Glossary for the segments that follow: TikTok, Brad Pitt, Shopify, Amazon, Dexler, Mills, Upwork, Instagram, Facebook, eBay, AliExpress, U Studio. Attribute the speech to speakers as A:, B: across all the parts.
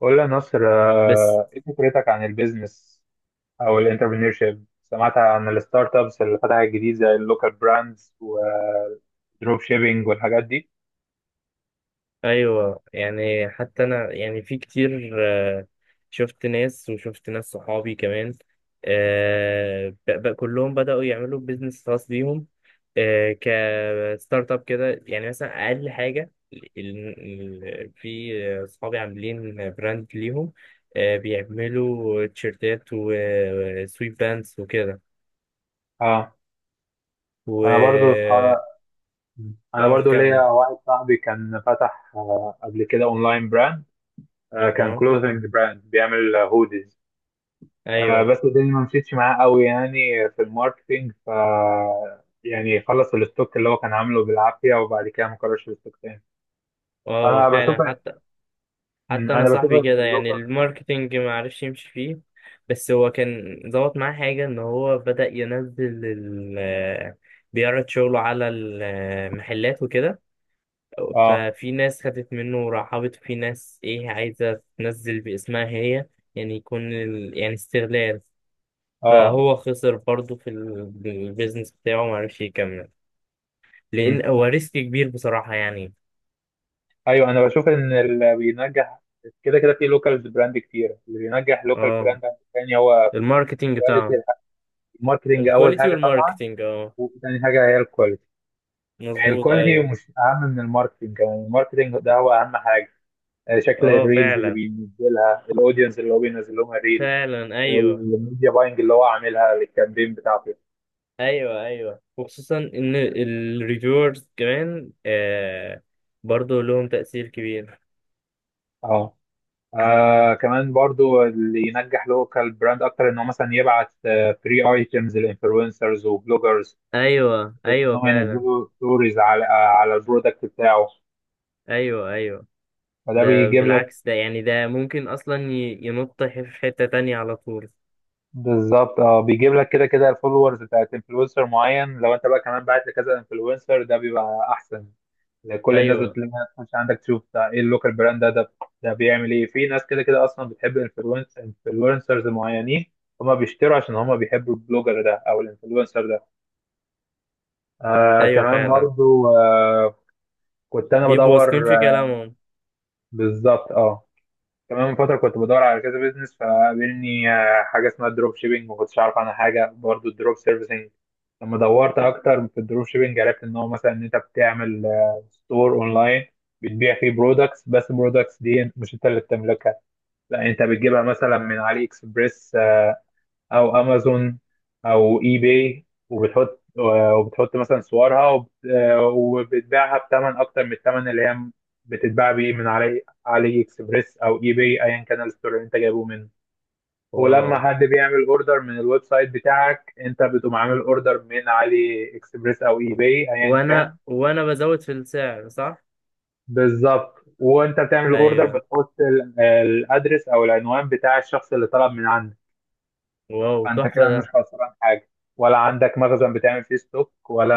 A: قول لي يا نصر
B: بس،
A: ايه فكرتك عن البيزنس او الانتربرينورشيب؟ سمعت عن الستارت ابس اللي فتحت جديد زي اللوكال براندز والدروب شيبينج والحاجات دي.
B: ايوه. يعني حتى انا يعني في كتير، شفت ناس وشفت ناس صحابي كمان، كلهم بدأوا يعملوا بيزنس خاص بيهم، آه، كستارت اب كده. يعني مثلا اقل حاجه، في صحابي عاملين براند ليهم، بيعملوا تيشيرتات وسويت باندز وكده.
A: اه،
B: و
A: انا برضو صح- انا
B: اه،
A: برضو ليا
B: كمل.
A: واحد صاحبي كان فتح قبل كده اونلاين براند. كان
B: اه،
A: كلوزنج براند بيعمل هوديز،
B: ايوه،
A: بس الدنيا ما مشيتش معاه قوي يعني في الماركتينج. يعني خلص الستوك اللي هو كان عامله بالعافية وبعد كده ما كررش الستوك تاني.
B: اه. هو
A: فأنا بشوف،
B: فعلا، حتى حتى انا
A: انا بشوف
B: صاحبي
A: ان
B: كده، يعني
A: اللوكر،
B: الماركتينج ما عرفش يمشي فيه. بس هو كان ظبط معاه حاجه ان هو بدأ ينزل بيعرض شغله على المحلات وكده.
A: اه،
B: ففي ناس خدت منه ورحبت، في ناس ايه عايزه تنزل باسمها هي، يعني يكون يعني استغلال.
A: اه،
B: فهو خسر برضه في البيزنس بتاعه، ما عرفش يكمل،
A: مم.
B: لان هو ريسك كبير بصراحه يعني.
A: ايوه، انا بشوف ان اللي بينجح كده كده في لوكال براند، كتير اللي بينجح لوكال
B: اه،
A: براند تاني هو
B: الماركتينج بتاعه.
A: كواليتي. الماركتنج اول
B: الكواليتي
A: حاجه طبعا،
B: والماركتينج، اه.
A: وتاني حاجه هي الكواليتي.
B: مظبوط،
A: الكواليتي
B: ايوه.
A: مش اهم من الماركتنج، يعني الماركتنج ده هو اهم حاجه. شكل
B: اه،
A: الريلز اللي
B: فعلا.
A: بينزلها، الاودينس اللي هو بينزل لهم الريل،
B: فعلا، ايوه.
A: والميديا باينج اللي هو عاملها للكامبين بتاعته.
B: ايوه، ايوه. وخصوصا ان الريفيورز كمان برضو لهم تأثير كبير.
A: اه. آه كمان برضو، اللي ينجح لوكال براند اكتر ان هو مثلا يبعت فري ايتمز للانفلونسرز وبلوجرز،
B: ايوه،
A: بحيث ان
B: ايوه،
A: هم
B: فعلا.
A: ينزلوا ستوريز على، آه، على البرودكت بتاعه.
B: ايوه، ايوه.
A: فده
B: ده
A: بيجيب لك،
B: بالعكس، ده يعني ده ممكن اصلا ينط في حتة تانية على طول.
A: بالظبط، اه، بيجيب لك كده كده الفولورز بتاعت انفلونسر معين. لو انت بقى كمان بعت لكذا انفلونسر، ده بيبقى احسن. يعني كل الناس
B: ايوه،
A: بتلاقيها تخش عندك تشوف ده ايه، اللوكال براند ده ده ده بيعمل ايه. في ناس كده كده اصلا بتحب انفلونسرز معينين، هما بيشتروا عشان هما بيحبوا البلوجر ده او الانفلونسر ده. آه
B: ايوه،
A: كمان
B: فعلا.
A: برضو آه كنت انا
B: بيبقوا
A: بدور،
B: واثقين في
A: آه
B: كلامهم.
A: بالظبط اه. كمان من فتره كنت بدور على كذا بيزنس، فقابلني آه حاجه اسمها دروب شيبينج، ما كنتش اعرف عنها حاجه، برضو الدروب سيرفيسنج. لما دورت اكتر في الدروب شيبينج، عرفت ان هو مثلا ان انت بتعمل آه ستور اونلاين، بتبيع فيه برودكتس، بس البرودكتس دي مش انت اللي بتملكها، لا انت بتجيبها مثلا من علي اكسبريس او امازون او اي باي، وبتحط وبتحط مثلا صورها وبتبيعها بثمن اكتر من الثمن اللي هي بتتباع بيه من علي اكسبريس او اي باي، ايا كان الستور اللي انت جايبه منه.
B: واو.
A: ولما حد بيعمل اوردر من الويب سايت بتاعك، انت بتقوم عامل اوردر من علي اكسبريس او اي باي ايا
B: وانا
A: كان.
B: وانا بزود في السعر، صح؟
A: بالظبط، وانت بتعمل اوردر
B: ايوه.
A: بتحط الادرس او العنوان بتاع الشخص اللي طلب من عندك.
B: واو،
A: فانت
B: تحفة
A: كده مش
B: ده.
A: خسران حاجه، ولا عندك مخزن بتعمل فيه ستوك، ولا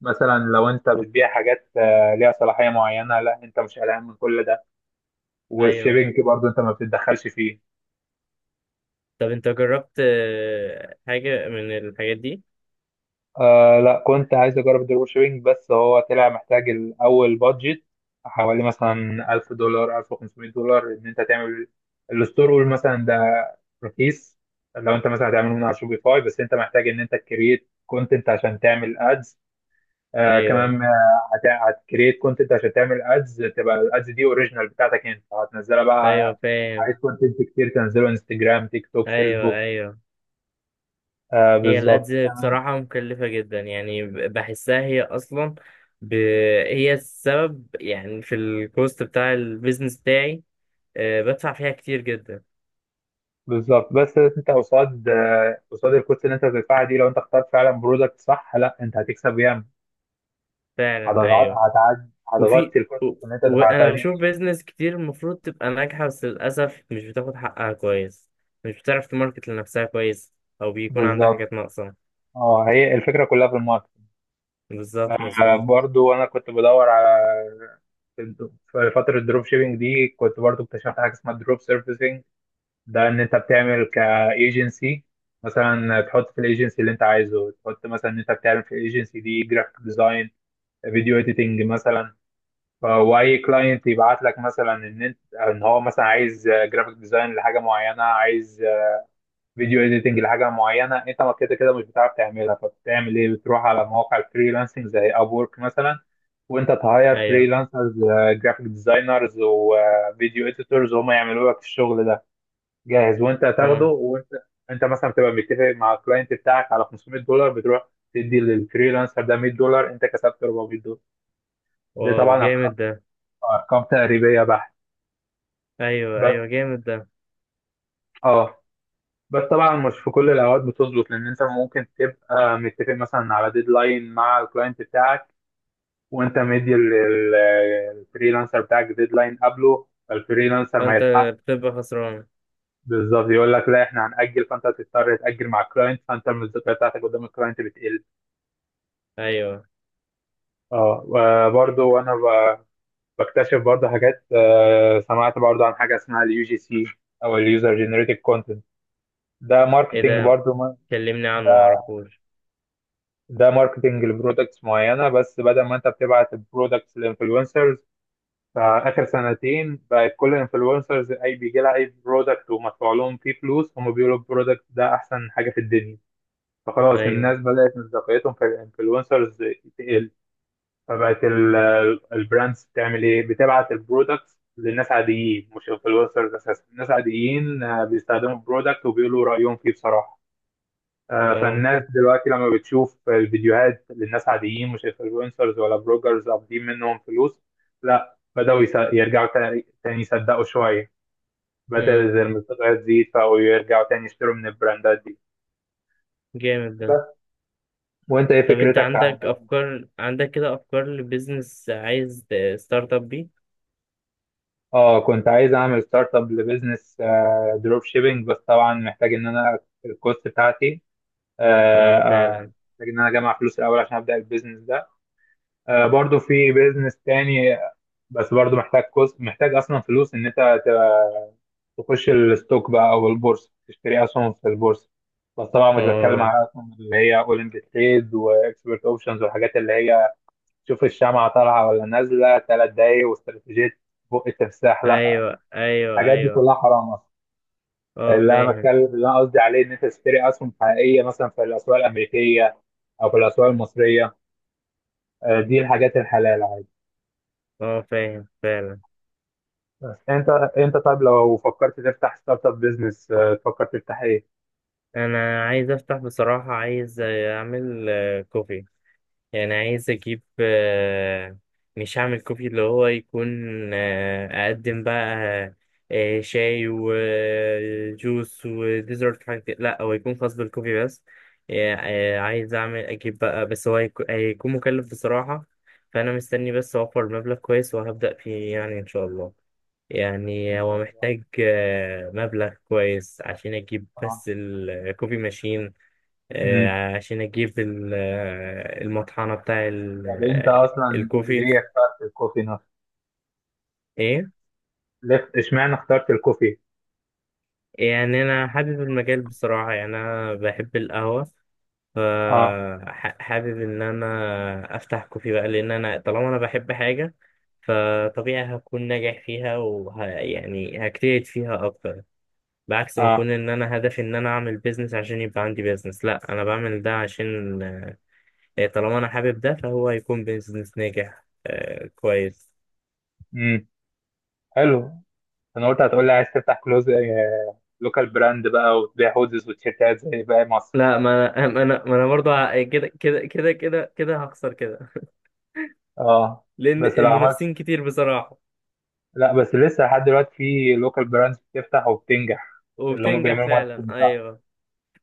A: مثلا لو انت بتبيع حاجات ليها صلاحيه معينه، لا انت مش قلقان من كل ده.
B: ايوه.
A: والشيبنج برضه انت ما بتتدخلش فيه.
B: طب انت جربت حاجة من الحاجات دي؟
A: آه لا، كنت عايز اجرب الدروب شيبنج، بس هو طلع محتاج الاول بادجت حوالي مثلا 1000$، 1500$ ان انت تعمل الستور. قول مثلا ده رخيص، لو انت مثلا هتعمله من على شوبيفاي، بس انت محتاج ان انت تكريت كونتنت عشان تعمل ادز.
B: ايوه،
A: هتكريت كونتنت عشان تعمل ادز، تبقى الادز دي اوريجينال بتاعتك انت هتنزلها
B: ايوه،
A: بقى.
B: فاهم.
A: عايز كونتنت كتير تنزله انستجرام، تيك توك،
B: ايوه،
A: فيسبوك.
B: ايوه.
A: آه
B: هي الأدز
A: بالظبط، تمام.
B: بصراحة مكلفة جدا يعني، بحسها هي أصلا، ب... هي السبب يعني في الكوست بتاع البيزنس بتاعي، بدفع فيها كتير جدا.
A: بالظبط، بس انت قصاد قصاد الكوست اللي انت بتدفعها دي، لو انت اخترت فعلا برودكت صح، لا انت هتكسب ياما،
B: فعلا، أيوه. وفي
A: هتغطي الكوست
B: و...
A: اللي انت دفعتها
B: وأنا
A: دي.
B: بشوف بيزنس كتير المفروض تبقى ناجحة، بس للأسف مش بتاخد حقها كويس، مش بتعرف تماركت لنفسها كويس، أو بيكون عندها
A: بالظبط،
B: حاجات ناقصة.
A: اه هي الفكره كلها في الماركت.
B: بالظبط، مظبوط،
A: برضو انا كنت بدور على، في فترة الدروب شيبينج دي، كنت برضو اكتشفت حاجة اسمها دروب سيرفيسنج. ده ان انت بتعمل كايجنسي، مثلا تحط في الايجنسي اللي انت عايزه، تحط مثلا ان انت بتعمل في الايجنسي دي جرافيك ديزاين، فيديو اديتنج مثلا. واي كلاينت يبعت لك مثلا ان انت، ان هو مثلا عايز جرافيك ديزاين لحاجه معينه، عايز فيديو اديتنج لحاجه معينه، انت ما كده كده مش بتعرف تعملها، فبتعمل ايه، بتروح على مواقع الفريلانسنج زي ابورك مثلا وانت تهاير
B: أيوه.
A: فريلانسرز، جرافيك ديزاينرز وفيديو اديتورز، وهم يعملوا لك الشغل ده جاهز وانت هتاخده.
B: أه.
A: وانت انت مثلا بتبقى متفق مع الكلاينت بتاعك على 500$، بتروح تدي للفريلانسر ده 100$، انت كسبت 400$. ده
B: واو،
A: طبعا
B: جامد ده.
A: ارقام تقريبيه بحت.
B: أيوه، أيوه،
A: بس
B: جامد ده.
A: اه، بس طبعا مش في كل الاوقات بتظبط، لان انت ممكن تبقى متفق مثلا على ديدلاين مع الكلاينت بتاعك، وانت مدي للفريلانسر بتاعك ديدلاين قبله، فالفريلانسر ما
B: فانت
A: يلحق.
B: بتبقى خسران.
A: بالظبط، يقول لك لا احنا هنأجل، فانت تضطر تأجل مع الكلاينت، فانت المصداقيه بتاعتك قدام الكلاينت بتقل.
B: ايوه.
A: برضو بكتشف برضو حاجات، سمعت برضو عن حاجه اسمها اليو جي سي، او اليوزر جنريتد كونتنت. ده
B: ايه
A: ماركتنج
B: ده؟
A: برضو ما-
B: كلمني عنه، معرفوش.
A: ده ماركتنج لبرودكتس معينه، بس بدل ما انت بتبعت البرودكتس للانفلونسرز، فاخر سنتين بقت كل الانفلونسرز اي بيجي لها اي برودكت ومدفوع لهم فيه فلوس، هم بيقولوا البرودكت ده احسن حاجه في الدنيا، فخلاص
B: ايوه،
A: الناس بدات مصداقيتهم في الانفلونسرز. فبقت البراندز بتعمل ايه، بتبعت البرودكتس للناس عاديين مش انفلونسرز اساسا، الناس عاديين بيستخدموا البرودكت وبيقولوا رايهم فيه بصراحه.
B: اه.
A: فالناس دلوقتي لما بتشوف الفيديوهات للناس عاديين، مش انفلونسرز ولا بلوجرز قابضين منهم فلوس، لا بدأوا يرجعوا تاني يصدقوا شويه، بدأت
B: امم
A: المستويات تزيد، فبقوا يرجعوا تاني يشتروا من البراندات دي.
B: جامد ده.
A: بس، وانت ايه
B: طب انت
A: فكرتك عن؟
B: عندك افكار، عندك كده افكار لبيزنس عايز ستارت اب بيه؟
A: اه كنت عايز اعمل ستارت اب لبزنس دروب شيبينج، بس طبعا محتاج ان انا الكوست بتاعتي،
B: اه، فعلا.
A: محتاج ان انا اجمع فلوس الاول عشان ابدا البيزنس ده. برضو في بيزنس تاني، بس برضو محتاج كوست، محتاج اصلا فلوس ان انت تبقى تخش الستوك بقى، او البورصه تشتري اسهم في البورصه. بس طبعا مش بتكلم
B: اه،
A: على اسهم اللي هي اولمبي تريد واكسبرت اوبشنز والحاجات اللي هي شوف الشمعة طالعة ولا نازلة 3 دقايق واستراتيجية بق التمساح، لا.
B: ايوه، ايوه،
A: الحاجات دي
B: ايوه.
A: كلها حرام اصلا.
B: اه، فاهم.
A: اللي انا قصدي عليه ان انت تشتري اسهم حقيقيه مثلا في الاسواق الامريكيه او في الاسواق المصريه. دي الحاجات الحلال عادي.
B: اه، فاهم فعلا.
A: بس انت، انت طيب لو فكرت تفتح ستارت اب بزنس، تفكر تفتح ايه؟
B: انا عايز افتح بصراحة، عايز اعمل كوفي. يعني عايز اجيب، مش هعمل كوفي اللي هو يكون، اقدم بقى شاي وجوس وديزرت حاجة كده. لا، هو يكون خاص بالكوفي بس. يعني عايز اعمل اجيب بقى، بس هو هيكون مكلف بصراحة. فانا مستني بس اوفر مبلغ كويس وهبدأ فيه يعني ان شاء الله. يعني هو محتاج مبلغ كويس عشان اجيب
A: آه.
B: بس الكوفي ماشين،
A: امم.
B: عشان اجيب المطحنة بتاع
A: طب انت اصلا
B: الكوفي.
A: ليه اخترت الكوفي نفسه؟
B: ايه؟
A: ليه اشمعنى اخترت الكوفي؟
B: يعني انا حابب المجال بصراحة، يعني انا بحب القهوة،
A: اه.
B: فحابب ان انا افتح كوفي بقى، لان انا طالما انا بحب حاجة فطبيعي هكون ناجح فيها، يعني هجتهد فيها اكتر. بعكس ما
A: اه.
B: اكون ان انا هدفي ان انا اعمل بيزنس عشان يبقى عندي بيزنس. لا، انا بعمل ده عشان، طالما انا حابب ده، فهو هيكون بيزنس ناجح، كويس.
A: امم، حلو. انا قلت هتقول لي عايز تفتح كلوز، لوكال براند بقى وتبيع هودز وتيشيرتات زي باقي مصر.
B: لا، ما انا برضه كده هخسر كده،
A: اه
B: لان
A: بس لو عملت،
B: المنافسين كتير بصراحه.
A: لا بس لسه لحد دلوقتي في لوكال براندز بتفتح وبتنجح، اللي هم
B: وبتنجح
A: بيعملوا
B: فعلا،
A: ماركتنج صح.
B: ايوه.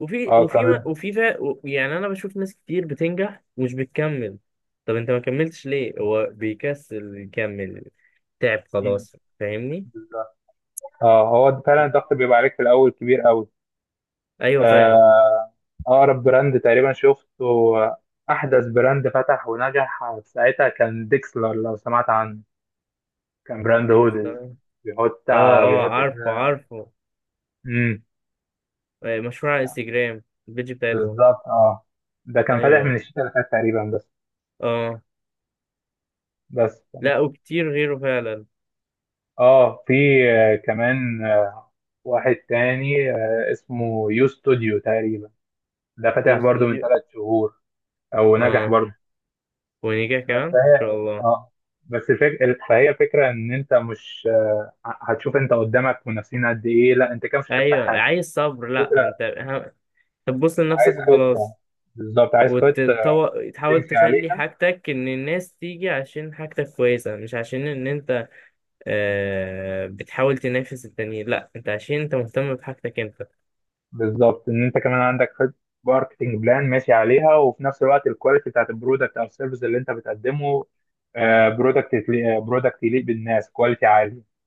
B: وفي
A: اه
B: وفي ما-
A: كان،
B: وفي فا و- يعني انا بشوف ناس كتير بتنجح ومش بتكمل. طب انت ما كملتش ليه؟ هو بيكسل يكمل، تعب
A: مم،
B: خلاص، فاهمني.
A: بالظبط. اه هو فعلا الضغط بيبقى عليك في الاول كبير قوي.
B: ايوه، فعلا.
A: آه، اقرب براند تقريبا شفته، احدث براند فتح ونجح في ساعتها، كان ديكسلر لو سمعت عنه. كان براند
B: دي
A: هودز،
B: خسارة.
A: بيحط
B: اه،
A: بيحط
B: اه، عارفه
A: كده.
B: عارفه.
A: امم،
B: مشروع على انستجرام، البيج بتاعتهم.
A: بالظبط اه. ده كان فاتح من
B: ايوه،
A: الشتاء اللي فات تقريبا بس.
B: اه.
A: بس تمام.
B: لا، وكتير غيره فعلا.
A: اه في، كمان واحد تاني اسمه يو ستوديو تقريبا. ده فاتح برضو من
B: يستوديو،
A: 3 شهور، او نجح
B: اه.
A: برضو.
B: ونيجا كمان ان شاء
A: فهي
B: الله.
A: اه بس فك... فهي فكره ان انت مش هتشوف انت قدامك منافسين قد ايه، لا انت كده مش هتفتح
B: ايوه،
A: حاجه.
B: عايز صبر.
A: فكره،
B: لا، انت هتبص
A: عايز
B: لنفسك
A: خطه.
B: وخلاص،
A: بالظبط، عايز خطه
B: وتحاول
A: تمشي
B: تخلي
A: عليها.
B: حاجتك ان الناس تيجي عشان حاجتك كويسه، مش عشان ان انت بتحاول تنافس التانيين. لا، انت عشان انت مهتم بحاجتك انت.
A: بالظبط، ان انت كمان عندك خطه، ماركتنج بلان ماشي عليها، وفي نفس الوقت الكواليتي بتاعت البرودكت او السيرفيس اللي انت بتقدمه. برودكت برودكت يليق بالناس، كواليتي عالي.